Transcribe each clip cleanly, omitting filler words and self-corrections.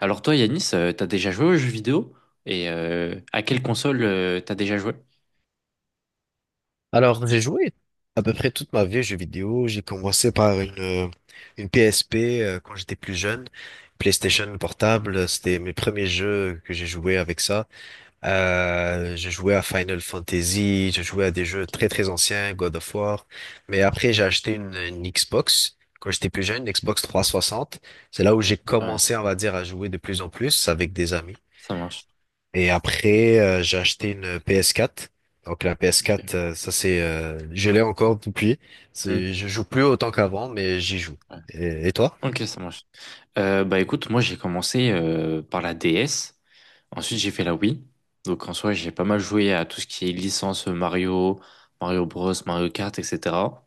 Alors toi, Yanis, t'as déjà joué aux jeux vidéo? Et à quelle console t'as déjà joué? Alors, j'ai joué à peu près toute ma vie aux jeux vidéo. J'ai commencé par une PSP quand j'étais plus jeune. PlayStation portable, c'était mes premiers jeux que j'ai joué avec ça. J'ai joué à Final Fantasy, j'ai joué à des jeux Ok, ok, très très anciens, God of War. Mais après, j'ai acheté une Xbox quand j'étais plus jeune, une Xbox 360. C'est là où j'ai ok, ouais, commencé, on va dire, à jouer de plus en plus avec des amis. ça marche. Et après, j'ai acheté une PS4. Donc la ps Ok, quatre, je l'ai encore depuis. hmm, Je joue plus autant qu'avant, mais j'y joue. ouais. Et toi? Ok, ça marche. Bah écoute, moi j'ai commencé par la DS, ensuite j'ai fait la Wii. Donc en soi, j'ai pas mal joué à tout ce qui est licence Mario, Mario Bros, Mario Kart, etc.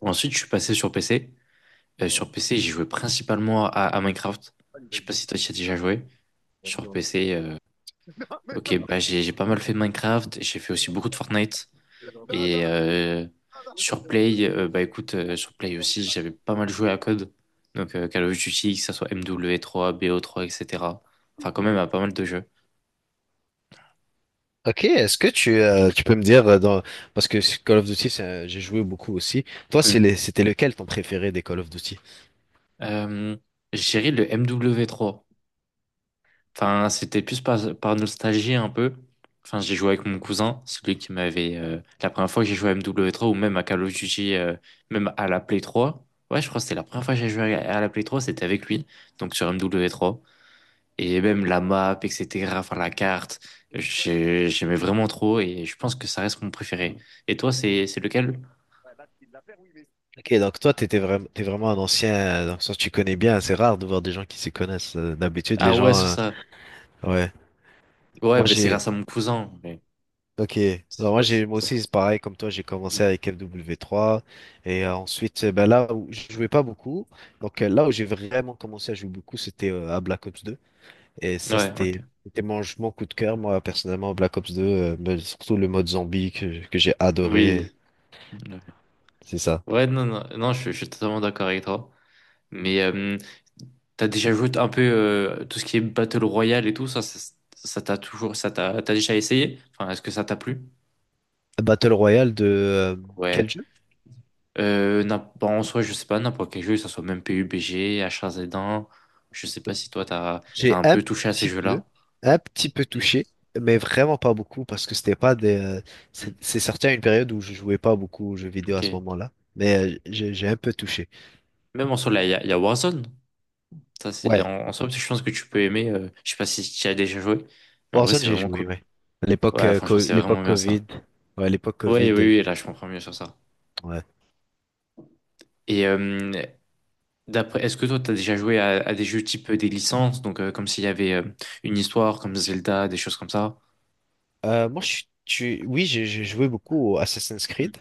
Ensuite, je suis passé sur PC. Sur PC, j'ai joué principalement à Minecraft. Je sais pas si toi tu as déjà joué sur PC. Ok, bah j'ai pas mal fait de Minecraft, j'ai fait aussi beaucoup de Fortnite et sur Play, bah écoute, sur Play aussi j'avais pas mal joué à Code, donc Call of Duty, que ça soit MW3, BO3, etc. Enfin quand même à pas mal de jeux. Ok, est-ce que tu peux me dire dans parce que Call of Duty, j'ai joué beaucoup aussi. Toi, Mm. C'était lequel ton préféré des Call of Duty? Euh, je dirais le MW3. Enfin, c'était plus par nostalgie un peu. Enfin, j'ai joué avec mon cousin, celui qui m'avait... la première fois que j'ai joué à MW3 ou même à Call of Duty, même à la Play 3. Ouais, je crois que c'était la première fois que j'ai joué à la Play 3, c'était avec lui, donc sur MW3. Et même la map, etc., enfin la carte, j'aimais vraiment trop et je pense que ça reste mon préféré. Et toi, c'est lequel? Ok, donc toi, t'étais vraiment, t'es vraiment un ancien, dans le sens tu connais bien. C'est rare de voir des gens qui s'y connaissent. D'habitude, les Ah ouais, gens, c'est euh, ça. ouais. Ouais, Moi, mais c'est grâce à mon cousin. Mais... ok. c'est Alors, moi, ça. C'est moi ça. aussi, c'est pareil comme toi. J'ai commencé Mm. avec FW3, et ensuite, ben là où je jouais pas beaucoup. Donc là où j'ai vraiment commencé à jouer beaucoup, c'était à Black Ops deux. Et ça, Ouais, ok. c'était mon coup de cœur, moi, personnellement, Black Ops 2, mais surtout le mode zombie que j'ai Oui. adoré, Ouais. c'est ça. Ouais, non, non, non, je suis totalement d'accord avec toi. Mais t'as déjà joué un peu tout ce qui est Battle Royale et tout, ça t'a toujours, t'as déjà essayé? Enfin, est-ce que ça t'a plu? Battle Royale de quel Ouais. jeu? Bon, en soi, je sais pas, n'importe quel jeu, que ça soit même PUBG, H1Z1, je sais pas si toi, t'as J'ai un peu touché à ces petit peu, jeux-là. un petit peu Ok. touché, mais vraiment pas beaucoup, parce que c'était pas des... c'est Mm, c'est sorti à une période où je jouais pas beaucoup aux jeux vidéo à ce ok. moment-là, mais j'ai un peu touché. Même en soi, là, il y a Warzone. Ça, c'est, Ouais, en soi, je pense que tu peux aimer. Je sais pas si tu y as déjà joué, mais en vrai, Warzone, c'est j'ai vraiment joué, cool. ouais. L'époque Ouais, franchement, c'est vraiment l'époque bien ça. Covid. Ouais, l'époque Ouais, oui, Covid. Oui, là, je comprends mieux sur ça. Ouais. Et d'après, est-ce que toi, tu as déjà joué à des jeux type des licences, donc comme s'il y avait une histoire, comme Zelda, des choses comme ça? Moi, oui, j'ai joué beaucoup au Assassin's Mm. Creed.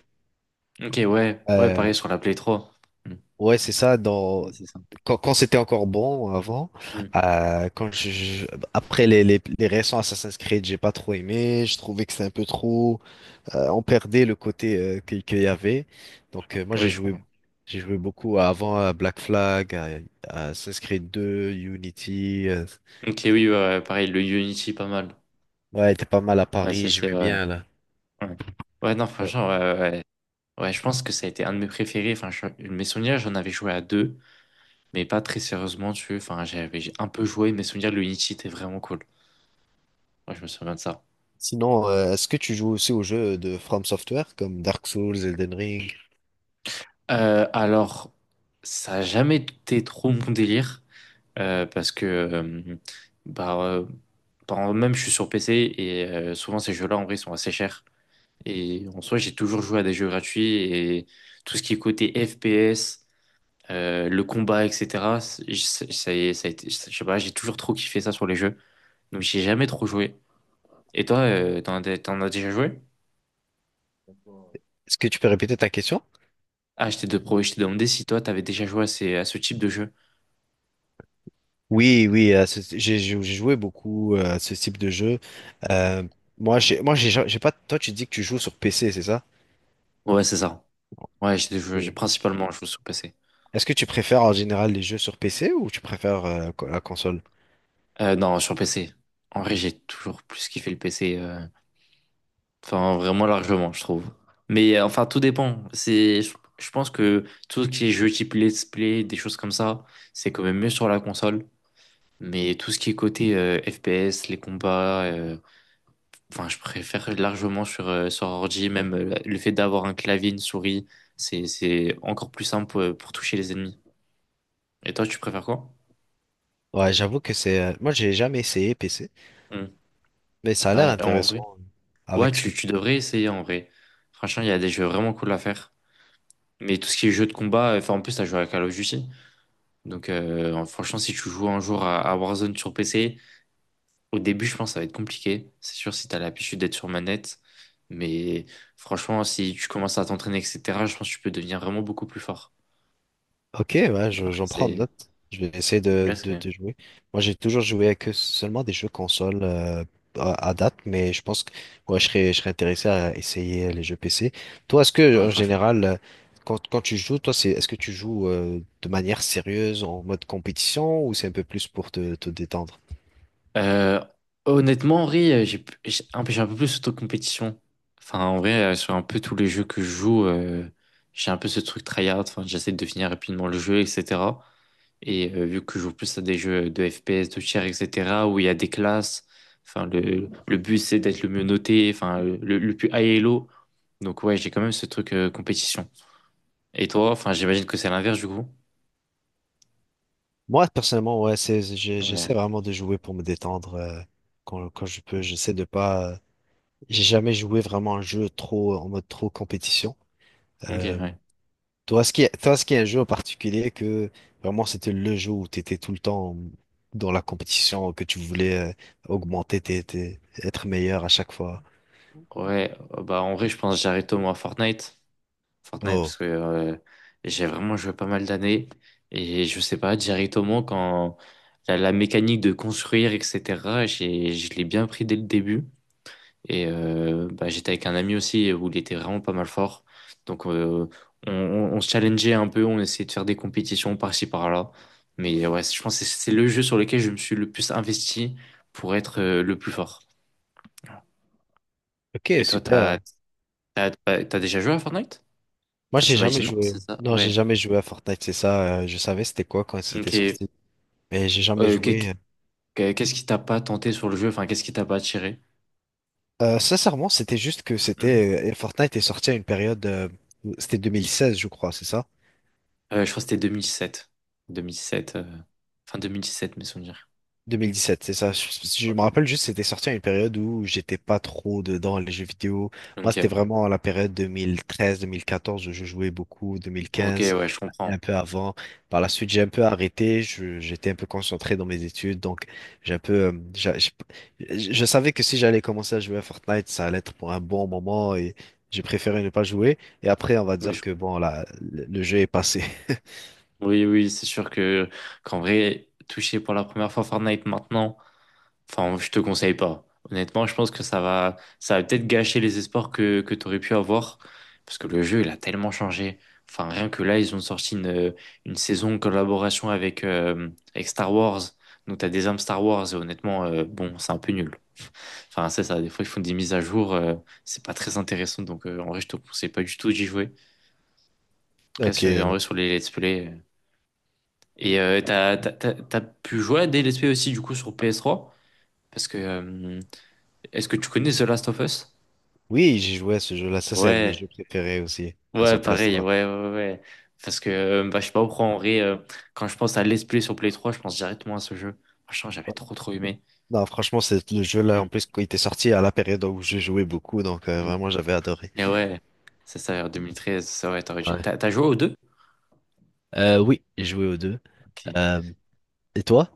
Ok, ouais, ouais, Euh, pareil sur la Play 3. Mm. ouais, c'est ça. Ouais, c'est ça. Quand c'était encore bon avant, Mm. euh, quand je, je- après les récents Assassin's Creed, j'ai pas trop aimé. Je trouvais que c'était un peu trop. On perdait le côté qu'il y avait. Donc moi Oui, je crois. j'ai joué beaucoup avant à Black Flag, à Assassin's Creed 2, Unity. Ok, oui, ouais, Donc, ouais, pareil, le Unity, pas mal. ouais, était pas mal à Ouais, Paris. si, c'est J'aimais vrai. bien là. Ouais. Ouais, non, Ouais. franchement, ouais, ouais, ouais. Ouais, je pense que ça a été un de mes préférés. Enfin, mes souvenirs, j'en avais joué à deux, mais pas très sérieusement, tu vois. Enfin, j'ai un peu joué, mes souvenirs, le Unity était vraiment cool. Moi, je me souviens de ça. Sinon, est-ce que tu joues aussi aux jeux de From Software comme Dark Souls, Elden Ring? Alors, ça a jamais été trop mon délire parce que, bah, euh, même je suis sur PC et souvent ces jeux-là en vrai sont assez chers. Et en soi, j'ai toujours joué à des jeux gratuits et tout ce qui est côté FPS, le combat, etc. Ça a été, je sais pas, j'ai toujours trop kiffé ça sur les jeux. Donc, j'ai jamais trop joué. Et toi, t'en as déjà joué? Est-ce que tu peux répéter ta question? Ah, je t'ai demandé si toi, t'avais déjà joué à, à ce type de jeu. Oui, oui, j'ai joué beaucoup à ce type de jeu. Euh, Moi, j'ai pas. Toi, tu dis que tu joues sur PC, c'est ça? Ouais, c'est ça. Ouais, j'ai Oui. principalement joué sur PC. Est-ce que tu préfères en général les jeux sur PC ou tu préfères la console? Non, sur PC. En vrai, j'ai toujours plus kiffé le PC. Enfin vraiment largement, je trouve. Mais enfin, tout dépend. C'est, je pense que tout ce qui est jeu type let's play, des choses comme ça, c'est quand même mieux sur la console. Mais tout ce qui est côté FPS, les combats, enfin, je préfère largement sur, sur ordi. Même le fait d'avoir un clavier, une souris, c'est encore plus simple pour toucher les ennemis. Et toi, tu préfères quoi? Ouais, j'avoue que c'est. Moi, j'ai jamais essayé PC. Hmm. Mais ça a l'air Bah, en vrai. intéressant Ouais, avec ce que tu, tu tu dis. devrais essayer en vrai. Franchement, il y a des jeux vraiment cool à faire. Mais tout ce qui est jeu de combat, enfin en plus, t'as joué à Call of Duty. Donc franchement, si tu joues un jour à Warzone sur PC, au début, je pense que ça va être compliqué. C'est sûr si t'as l'habitude d'être sur manette. Mais franchement, si tu commences à t'entraîner, etc., je pense que tu peux devenir vraiment beaucoup plus fort. Ok, ouais, Après, j'en prends c'est... note. Je vais essayer Là, de, de, c'est- de jouer. Moi, j'ai toujours joué que seulement des jeux console à date, mais je pense que ouais, je serais intéressé à essayer les jeux PC. Toi, est-ce que Ouais, en franchement. général, quand tu joues, toi, est-ce que tu joues de manière sérieuse, en mode compétition, ou c'est un peu plus pour te détendre? Euh, honnêtement, Henri, j'ai un peu plus auto-compétition. Enfin, en vrai, sur un peu tous les jeux que je joue, j'ai un peu ce truc tryhard. Enfin, j'essaie de finir rapidement le jeu, etc. Et vu que je joue plus à des jeux de FPS, de tir, etc., où il y a des classes, enfin, le but c'est d'être le mieux noté, enfin, le plus high elo. Donc, ouais, j'ai quand même ce truc compétition. Et toi, enfin, j'imagine que c'est l'inverse du coup. Moi, personnellement, ouais, Ouais, j'essaie vraiment de jouer pour me détendre quand je peux. J'essaie de pas. J'ai jamais joué vraiment un jeu trop en mode trop compétition. ok, euh, ouais. Toi, est-ce qu'il y a un jeu en particulier que vraiment c'était le jeu où tu étais tout le temps dans la compétition, que tu voulais augmenter, être meilleur à chaque fois? Ouais, bah en vrai, je pense que j'arrête au moins Fortnite. Fortnite Oh, parce que j'ai vraiment joué pas mal d'années et je sais pas directement quand la mécanique de construire etc j'ai je l'ai bien pris dès le début et bah, j'étais avec un ami aussi où il était vraiment pas mal fort donc on se challengeait un peu, on essayait de faire des compétitions par-ci par-là, mais ouais je pense que c'est le jeu sur lequel je me suis le plus investi pour être le plus fort. ok, Et toi, t'as super. t'as t'as t'as déjà joué à Fortnite? Moi, Enfin j'ai tu m'as dit jamais non, joué. c'est ça, Non, j'ai ouais, jamais joué à Fortnite, c'est ça. Je savais c'était quoi quand c'était ok. sorti, mais j'ai jamais Euh, qu'est- joué. Qu'est-ce qui t'a pas tenté sur le jeu? Enfin, qu'est-ce qui t'a pas attiré? Sincèrement, c'était juste que Hmm. c'était Fortnite est sorti à une période, c'était 2016, je crois, c'est ça? Je crois que c'était 2007. 2007, fin 2017, mes souvenirs. 2017, c'est ça. Je me Ouais. rappelle juste, c'était sorti à une période où j'étais pas trop dedans les jeux vidéo. Moi, Ok, c'était ouais. vraiment la période 2013-2014 où je jouais beaucoup, Ok, 2015, ouais, je comprends. un peu avant. Par la suite, j'ai un peu arrêté. J'étais un peu concentré dans mes études, donc j'ai un peu, j'a- j'ai- je savais que si j'allais commencer à jouer à Fortnite, ça allait être pour un bon moment et j'ai préféré ne pas jouer. Et après, on va Oui, dire je- que bon, là, le jeu est passé. oui, oui, c'est sûr que qu'en vrai, toucher pour la première fois Fortnite maintenant. Enfin, je te conseille pas. Honnêtement, je pense que ça va peut-être gâcher les espoirs que tu aurais pu avoir. Parce que le jeu, il a tellement changé. Enfin, rien que là, ils ont sorti une saison en collaboration avec, avec Star Wars. Donc, tu as des armes Star Wars. Et honnêtement, bon, c'est un peu nul. Enfin, c'est ça. Des fois, ils font des mises à jour. C'est pas très intéressant. Donc, en vrai, je te conseille pas du tout d'y jouer. Reste Ok. sur- en vrai sur les let's play. T'as pu jouer à des let's play aussi, du coup, sur PS3. Parce que est-ce que tu connais The Last of Us? Oui, j'ai joué à ce jeu-là. Ça, c'est un de mes Ouais, jeux préférés aussi, à ouais, son pareil, PS3. ouais, ouais, ouais. Ouais. Parce que, je sais pas pourquoi, en vrai, quand je pense à Let's Play sur Play 3, je pense directement à ce jeu. Franchement, j'avais trop, trop aimé. Non, franchement, c'est le jeu là, en Mm, plus, quand il était sorti à la période où je jouais beaucoup, donc mm. vraiment, j'avais adoré. Et ouais, en 2013, ça, ouais, t'aurais dû- Ouais. T'as t'as joué aux deux? Oui, j'ai joué aux deux. Ok. Euh, et toi?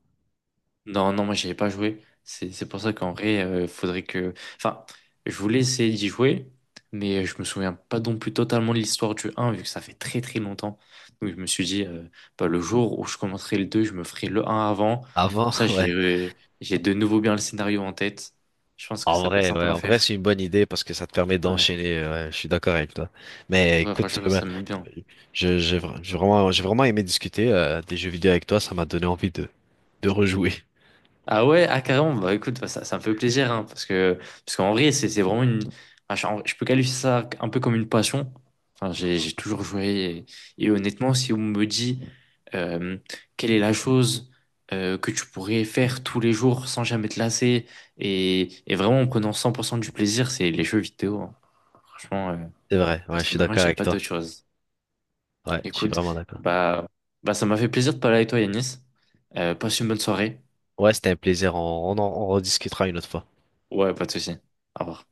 Non, non, moi j'y ai pas joué. C'est pour ça qu'en vrai, faudrait que. Enfin, je voulais essayer d'y jouer, mais je me souviens pas non plus totalement de l'histoire du un vu que ça fait très très longtemps. Donc je me suis dit, bah, le jour où je commencerai le 2, je me ferai le un avant. Comme Avant, ça, ouais. J'ai de nouveau bien le scénario en tête. Je pense que En ça peut être vrai, sympa ouais, à en vrai, faire. c'est une bonne idée parce que ça te permet Ouais, d'enchaîner. Ouais, je suis d'accord avec toi. Mais ouais écoute, franchement, ça me met bien. J'ai vraiment aimé discuter des jeux vidéo avec toi. Ça m'a donné envie de rejouer. Ah ouais, ah carrément, bah écoute, bah, ça me fait plaisir, hein, parce que, parce qu'en vrai, c'est vraiment une. Ah, je peux qualifier ça un peu comme une passion. Enfin, j'ai toujours joué. Et honnêtement, si on me dit euh, quelle est la chose que tu pourrais faire tous les jours sans jamais te lasser et vraiment en prenant 100% du plaisir, c'est les jeux vidéo, hein. Franchement, C'est vrai, ouais, je suis personnellement, d'accord j'ai avec pas toi. d'autre chose. Ouais, je suis Écoute, vraiment d'accord. bah, bah ça m'a fait plaisir de parler avec toi, Yanis. Passe une bonne soirée. Ouais, c'était un plaisir. On en on rediscutera une autre fois. Ouais, pas de souci. Au revoir.